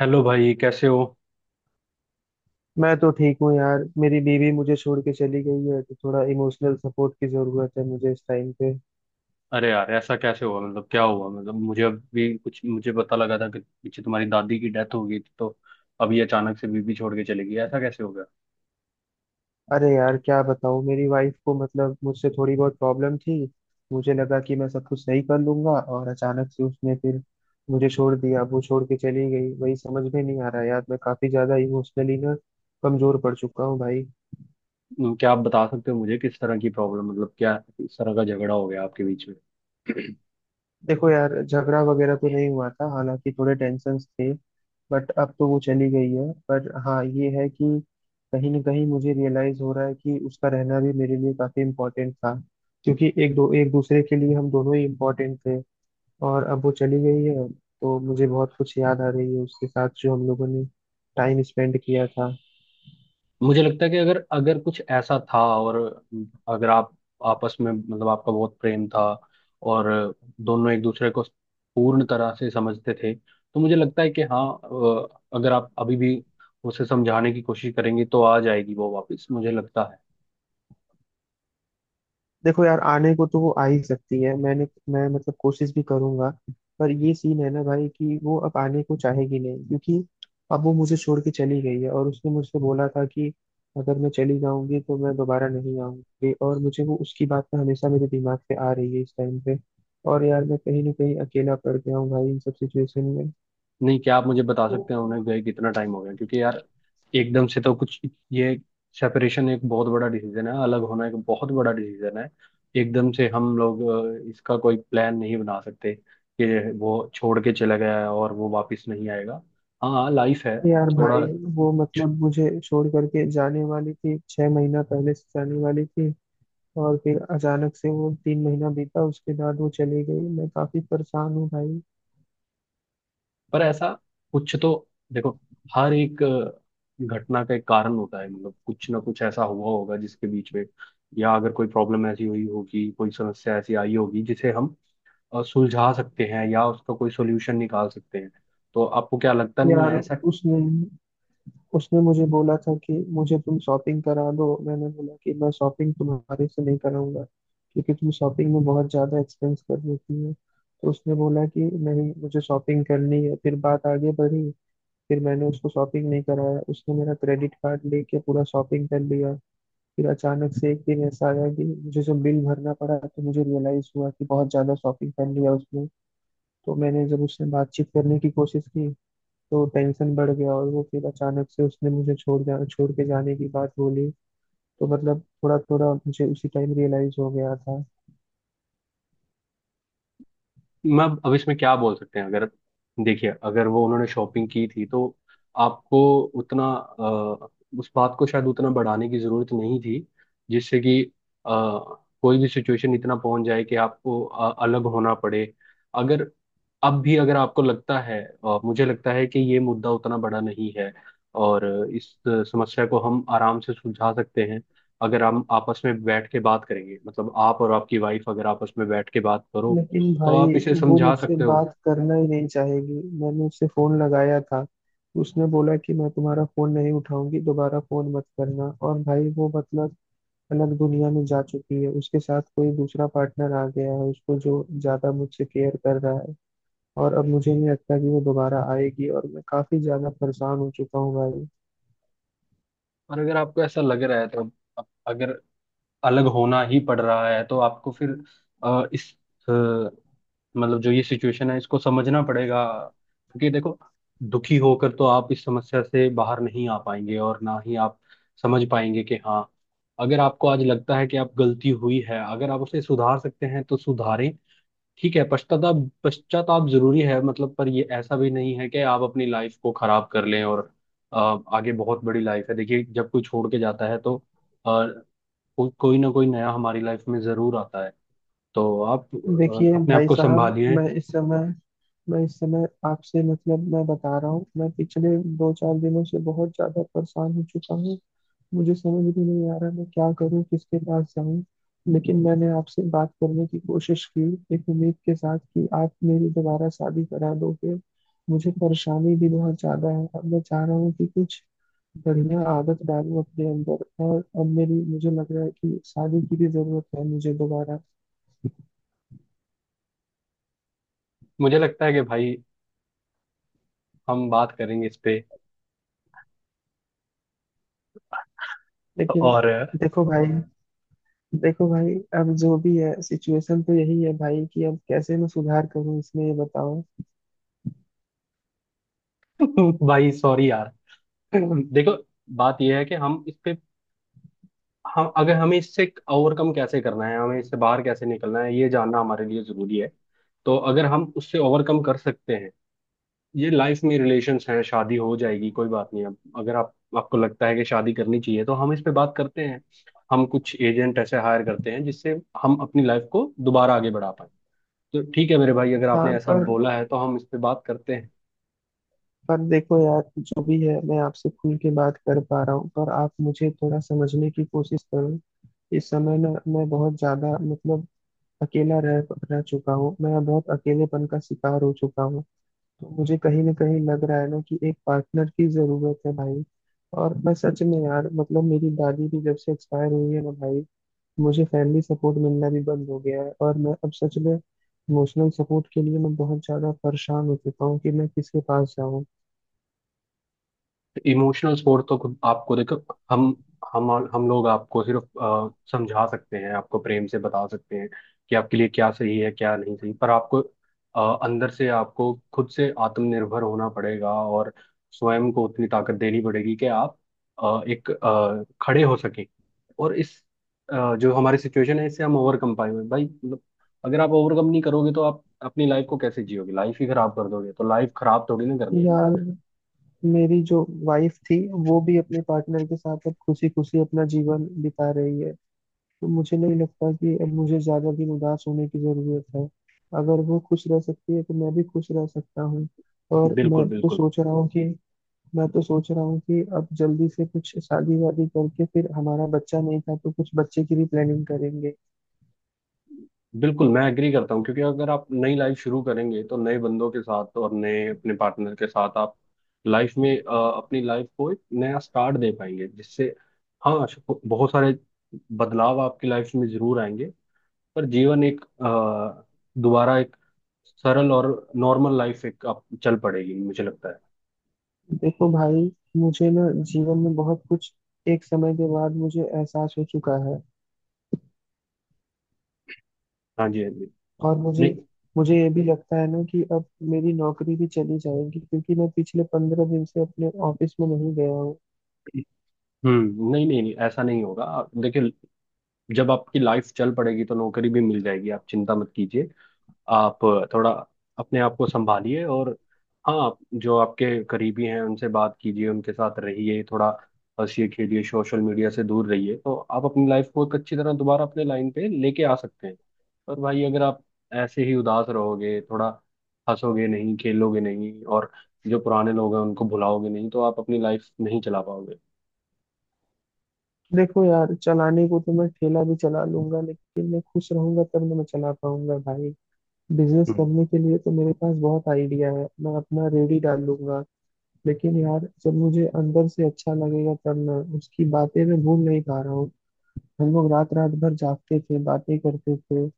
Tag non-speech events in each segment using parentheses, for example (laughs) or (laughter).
Hello भाई, कैसे हो। मैं तो ठीक हूँ यार। मेरी बीवी मुझे छोड़ के चली गई है तो थोड़ा इमोशनल सपोर्ट की जरूरत है मुझे इस टाइम पे। अरे यार, ऐसा कैसे हुआ? मतलब क्या हुआ? मतलब मुझे अभी कुछ मुझे पता लगा था कि पीछे तुम्हारी दादी की डेथ हो गई थी, तो अभी अचानक से बीबी छोड़ के चली गई, ऐसा कैसे हो गया? अरे यार क्या बताऊँ, मेरी वाइफ को मतलब मुझसे थोड़ी बहुत प्रॉब्लम थी। मुझे लगा कि मैं सब कुछ सही कर लूंगा और अचानक से उसने फिर मुझे छोड़ दिया। वो छोड़ के चली गई वही समझ में नहीं आ रहा यार। मैं काफी ज्यादा इमोशनली ना कमजोर पड़ चुका हूँ भाई। क्या आप बता सकते हो मुझे किस तरह की प्रॉब्लम? मतलब क्या किस तरह का झगड़ा हो गया आपके बीच? देखो यार, झगड़ा वगैरह तो नहीं हुआ था, हालांकि थोड़े टेंशन्स थे। बट अब तो वो चली गई है, पर हाँ ये है कि कहीं ना कहीं मुझे रियलाइज हो रहा है कि उसका रहना भी मेरे लिए काफी इम्पोर्टेंट था। क्योंकि एक दूसरे के लिए हम दोनों ही इम्पोर्टेंट थे। और अब वो चली गई है तो मुझे बहुत कुछ याद आ रही है उसके साथ जो हम लोगों ने टाइम स्पेंड किया था। मुझे लगता है कि अगर अगर कुछ ऐसा था, और अगर आप आपस में, मतलब आपका बहुत प्रेम था, और दोनों एक दूसरे को पूर्ण तरह से समझते थे, तो मुझे लगता है कि हाँ, अगर आप अभी भी उसे समझाने की कोशिश करेंगे तो आ जाएगी वो वापस, मुझे लगता है। देखो यार, आने को तो वो आ ही सकती है, मैंने मैं मतलब कोशिश भी करूंगा। पर ये सीन है ना भाई कि वो अब आने को चाहेगी नहीं, क्योंकि अब वो मुझे छोड़ के चली गई है और उसने मुझसे बोला था कि अगर मैं चली जाऊंगी तो मैं दोबारा नहीं आऊंगी। और मुझे वो उसकी बात ना हमेशा मेरे दिमाग पे आ रही है इस टाइम पे। और यार मैं कहीं ना कहीं अकेला पड़ गया हूँ भाई इन सब सिचुएशन में। नहीं, क्या आप मुझे बता सकते हैं उन्हें गए कितना टाइम हो गया? क्योंकि यार एकदम से तो कुछ, ये सेपरेशन एक बहुत बड़ा डिसीजन है, अलग होना एक बहुत बड़ा डिसीजन है। एकदम से हम लोग इसका कोई प्लान नहीं बना सकते कि वो छोड़ के चला गया है और वो वापस नहीं आएगा। हाँ, लाइफ है यार थोड़ा। भाई, वो मतलब मुझे छोड़ करके जाने वाली थी, 6 महीना पहले से जाने वाली थी। और फिर अचानक से वो 3 महीना बीता उसके बाद वो चली गई। मैं काफी परेशान हूँ भाई। पर ऐसा कुछ तो, देखो, हर एक घटना का एक कारण होता है। मतलब कुछ ना कुछ ऐसा हुआ होगा जिसके बीच में, या अगर कोई प्रॉब्लम ऐसी हुई होगी, कोई समस्या ऐसी आई होगी जिसे हम सुलझा सकते हैं या उसका कोई सोल्यूशन निकाल सकते हैं। तो आपको क्या लगता, नहीं यार, है ऐसा? उसने उसने मुझे बोला था कि मुझे तुम शॉपिंग करा दो। मैंने बोला कि मैं शॉपिंग तुम्हारे से नहीं कराऊंगा क्योंकि तुम शॉपिंग में बहुत ज्यादा एक्सपेंस कर देती हो। तो उसने बोला कि नहीं मुझे शॉपिंग करनी है, फिर बात आगे बढ़ी। फिर मैंने उसको शॉपिंग नहीं कराया, उसने मेरा क्रेडिट कार्ड लेके पूरा शॉपिंग कर लिया। फिर अचानक से एक दिन ऐसा आया कि मुझे जब बिल भरना पड़ा तो मुझे रियलाइज हुआ कि बहुत ज्यादा शॉपिंग कर लिया उसने। तो मैंने जब उससे बातचीत करने की कोशिश की तो टेंशन बढ़ गया और वो फिर अचानक से उसने मुझे छोड़ के जाने की बात बोली। तो मतलब थोड़ा थोड़ा मुझे उसी टाइम रियलाइज हो गया था। मैं अब इसमें क्या बोल सकते हैं? अगर, देखिए, अगर वो उन्होंने शॉपिंग की थी तो आपको उतना उस बात को शायद उतना बढ़ाने की जरूरत नहीं थी, जिससे कि अ, कोई भी सिचुएशन इतना पहुंच जाए कि आपको अलग होना पड़े। अगर अब भी अगर आपको लगता है, मुझे लगता है कि ये मुद्दा उतना बड़ा नहीं है, और इस समस्या को हम आराम से सुलझा सकते हैं, अगर हम आपस में बैठ के बात करेंगे। मतलब आप और आपकी वाइफ अगर आपस में बैठ के बात करो लेकिन तो भाई आप इसे वो समझा मुझसे सकते हो। बात करना ही नहीं चाहेगी, मैंने उससे फोन लगाया था। उसने बोला कि मैं तुम्हारा फोन नहीं उठाऊंगी, दोबारा फोन मत करना। और भाई वो मतलब अलग दुनिया में जा चुकी है, उसके साथ कोई दूसरा पार्टनर आ गया है उसको जो ज्यादा मुझसे केयर कर रहा है। और अब मुझे नहीं लगता कि वो दोबारा आएगी और मैं काफी ज्यादा परेशान हो चुका हूँ भाई। और अगर आपको ऐसा लग रहा है तो अगर अलग होना ही पड़ रहा है तो आपको फिर इस अ, मतलब जो ये सिचुएशन है इसको समझना पड़ेगा, क्योंकि देखो दुखी होकर तो आप इस समस्या से बाहर नहीं आ पाएंगे, और ना ही आप समझ पाएंगे कि हाँ, अगर आपको आज लगता है कि आप गलती हुई है, अगर आप उसे सुधार सकते हैं तो सुधारें। ठीक है, पश्चाताप, पश्चाताप जरूरी है, मतलब। पर ये ऐसा भी नहीं है कि आप अपनी लाइफ को खराब कर लें, और अ, आगे बहुत बड़ी लाइफ है। देखिए, जब कोई छोड़ के जाता है तो अ, कोई ना कोई नया हमारी लाइफ में जरूर आता है। तो आप देखिए अपने आप भाई को साहब, संभालिए। मैं इस समय मैं इस समय आपसे मतलब मैं बता रहा हूँ, मैं पिछले दो चार दिनों से बहुत ज्यादा परेशान हो चुका हूँ। मुझे समझ भी नहीं आ रहा मैं क्या करूँ, किसके पास जाऊँ। लेकिन मैंने आपसे बात करने की कोशिश की एक उम्मीद के साथ कि आप मेरी दोबारा शादी करा दोगे। मुझे परेशानी भी बहुत ज्यादा है, अब मैं चाह रहा हूँ कि कुछ बढ़िया आदत डालूं अपने अंदर। और अब मेरी मुझे लग रहा है कि शादी की भी जरूरत है मुझे दोबारा। मुझे लगता है कि भाई हम बात करेंगे इस पे, लेकिन और देखो भाई देखो भाई, अब जो भी है सिचुएशन तो यही है भाई कि अब कैसे मैं सुधार करूं इसमें ये बताओ। (laughs) भाई सॉरी यार, देखो बात यह है कि हम इस पे, हम अगर हमें इससे ओवरकम कैसे करना है, हमें इससे बाहर कैसे निकलना है, ये जानना हमारे लिए जरूरी है। तो अगर हम उससे ओवरकम कर सकते हैं, ये लाइफ में रिलेशंस हैं, शादी हो जाएगी कोई बात नहीं। अब अगर आप आपको लगता है कि शादी करनी चाहिए तो हम इस पे बात करते हैं। हम कुछ एजेंट ऐसे हायर करते हैं जिससे हम अपनी लाइफ को दोबारा आगे बढ़ा पाए। तो ठीक है मेरे भाई, अगर हाँ आपने ऐसा पर, बोला है तो हम इस पे बात करते हैं। देखो यार, जो भी है मैं आपसे खुल के बात कर पा रहा हूँ पर आप मुझे थोड़ा समझने की कोशिश करो। इस समय ना मैं बहुत ज्यादा मतलब अकेला रह रह चुका हूँ, मैं बहुत अकेलेपन का शिकार हो चुका हूँ। तो मुझे कहीं ना कहीं लग रहा है ना कि एक पार्टनर की जरूरत है भाई। और मैं सच में यार मतलब मेरी दादी भी जब से एक्सपायर हुई है ना भाई, मुझे फैमिली सपोर्ट मिलना भी बंद हो गया है। और मैं अब सच में इमोशनल सपोर्ट के लिए मैं बहुत ज्यादा परेशान हो चुका हूँ कि मैं किसके पास जाऊँ। इमोशनल सपोर्ट तो खुद आपको, देखो, हम हम लोग आपको सिर्फ समझा सकते हैं, आपको प्रेम से बता सकते हैं कि आपके लिए क्या सही है क्या नहीं सही। पर आपको अंदर से, आपको खुद से आत्मनिर्भर होना पड़ेगा, और स्वयं को उतनी ताकत देनी पड़ेगी कि आप खड़े हो सके। और इस जो हमारी सिचुएशन है इससे हम ओवरकम पाएंगे भाई, मतलब अगर आप ओवरकम नहीं करोगे तो आप अपनी लाइफ को कैसे जियोगे, लाइफ ही खराब कर दोगे। तो लाइफ खराब थोड़ी ना करनी है हमने। यार मेरी जो वाइफ थी वो भी अपने पार्टनर के साथ अब खुशी खुशी अपना जीवन बिता रही है। तो मुझे नहीं लगता कि अब मुझे ज्यादा दिन उदास होने की जरूरत है। अगर वो खुश रह सकती है तो मैं भी खुश रह सकता हूँ। और बिल्कुल, मैं तो बिल्कुल। सोच रहा हूँ कि मैं तो सोच रहा हूँ कि अब जल्दी से कुछ शादी वादी करके, फिर हमारा बच्चा नहीं था तो कुछ बच्चे की भी प्लानिंग करेंगे। बिल्कुल, मैं एग्री करता हूँ, क्योंकि अगर आप नई लाइफ शुरू करेंगे तो नए बंदों के साथ और नए अपने पार्टनर के साथ आप लाइफ में अपनी लाइफ को एक नया स्टार्ट दे पाएंगे, जिससे हाँ, बहुत सारे बदलाव आपकी लाइफ में जरूर आएंगे। पर जीवन एक दोबारा एक सरल और नॉर्मल लाइफ एक आप चल पड़ेगी, मुझे लगता है। देखो भाई, मुझे ना जीवन में बहुत कुछ एक समय के बाद मुझे एहसास हो चुका है। हाँ जी, हाँ जी। और मुझे नहीं। मुझे ये भी लगता है ना कि अब मेरी नौकरी भी चली जाएगी क्योंकि मैं पिछले 15 दिन से अपने ऑफिस में नहीं गया हूँ। हम्म, नहीं नहीं नहीं, ऐसा नहीं होगा। देखिए, जब आपकी लाइफ चल पड़ेगी तो नौकरी भी मिल जाएगी, आप चिंता मत कीजिए। आप थोड़ा अपने आप को संभालिए, और हाँ, जो आपके करीबी हैं उनसे बात कीजिए, उनके साथ रहिए थोड़ा, हंसिए खेलिए, सोशल मीडिया से दूर रहिए, तो आप अपनी लाइफ को एक अच्छी तरह दोबारा अपने लाइन पे लेके आ सकते हैं। पर भाई, अगर आप ऐसे ही उदास रहोगे, थोड़ा हंसोगे नहीं खेलोगे नहीं, और जो पुराने लोग हैं उनको भुलाओगे नहीं, तो आप अपनी लाइफ नहीं चला पाओगे। देखो यार, चलाने को तो मैं ठेला भी चला लूंगा, लेकिन मैं खुश रहूंगा तब ना मैं चला पाऊंगा भाई। बिजनेस करने के लिए तो मेरे पास बहुत आइडिया है, मैं अपना रेडी डाल लूंगा। लेकिन यार जब मुझे अंदर से अच्छा लगेगा तब, मैं उसकी बातें मैं भूल नहीं पा रहा हूँ। हम लोग रात रात भर जागते थे, बातें करते थे।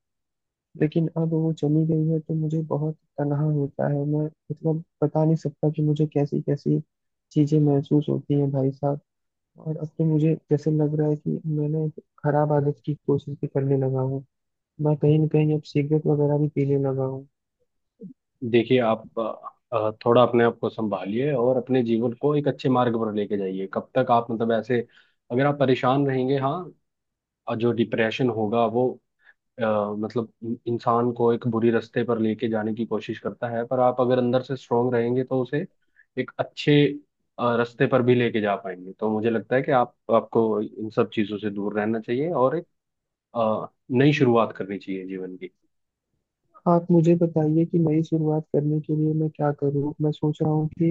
लेकिन अब वो चली गई है तो मुझे बहुत तनहा होता है। मैं मतलब बता नहीं सकता कि मुझे कैसी कैसी चीजें महसूस होती हैं भाई साहब। और अब तो मुझे जैसे लग रहा है कि मैंने एक खराब आदत की कोशिश भी करने लगा हूँ, मैं कहीं ना कहीं अब सिगरेट वगैरह भी पीने लगा हूँ। देखिए आप थोड़ा अपने आप को संभालिए और अपने जीवन को एक अच्छे मार्ग पर लेके जाइए। कब तक आप मतलब ऐसे, अगर आप परेशान रहेंगे, हाँ, और जो डिप्रेशन होगा वो अ, मतलब इंसान को एक बुरी रास्ते पर लेके जाने की कोशिश करता है। पर आप अगर अंदर से स्ट्रोंग रहेंगे तो उसे एक अच्छे रास्ते पर भी लेके जा पाएंगे। तो मुझे लगता है कि आप आपको इन सब चीजों से दूर रहना चाहिए, और एक नई शुरुआत करनी चाहिए जीवन की। आप मुझे बताइए कि नई शुरुआत करने के लिए मैं क्या करूँ। मैं सोच रहा हूँ कि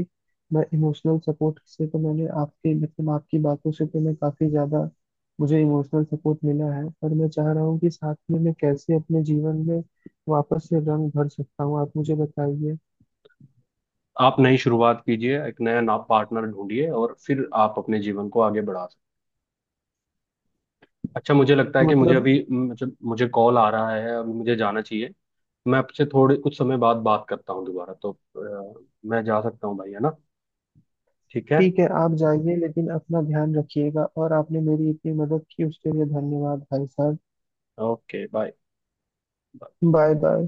मैं इमोशनल सपोर्ट से तो, मैंने आपके मतलब आपकी बातों से तो मैं काफ़ी ज़्यादा मुझे इमोशनल सपोर्ट मिला है। पर मैं चाह रहा हूँ कि साथ में मैं कैसे अपने जीवन में वापस से रंग भर सकता हूँ, आप मुझे बताइए। आप नई शुरुआत कीजिए, एक नया नाप पार्टनर ढूंढिए, और फिर आप अपने जीवन को आगे बढ़ा सकते। अच्छा, मुझे लगता है तो कि मुझे मतलब अभी, मतलब मुझे कॉल आ रहा है, अभी मुझे जाना चाहिए। मैं आपसे थोड़े कुछ समय बाद बात करता हूँ दोबारा। तो अ, मैं जा सकता हूँ भाई, है ना? ठीक है, ठीक है आप जाइए, लेकिन अपना ध्यान रखिएगा। और आपने मेरी इतनी मदद की उसके लिए धन्यवाद भाई साहब। Okay bye. Bye bye.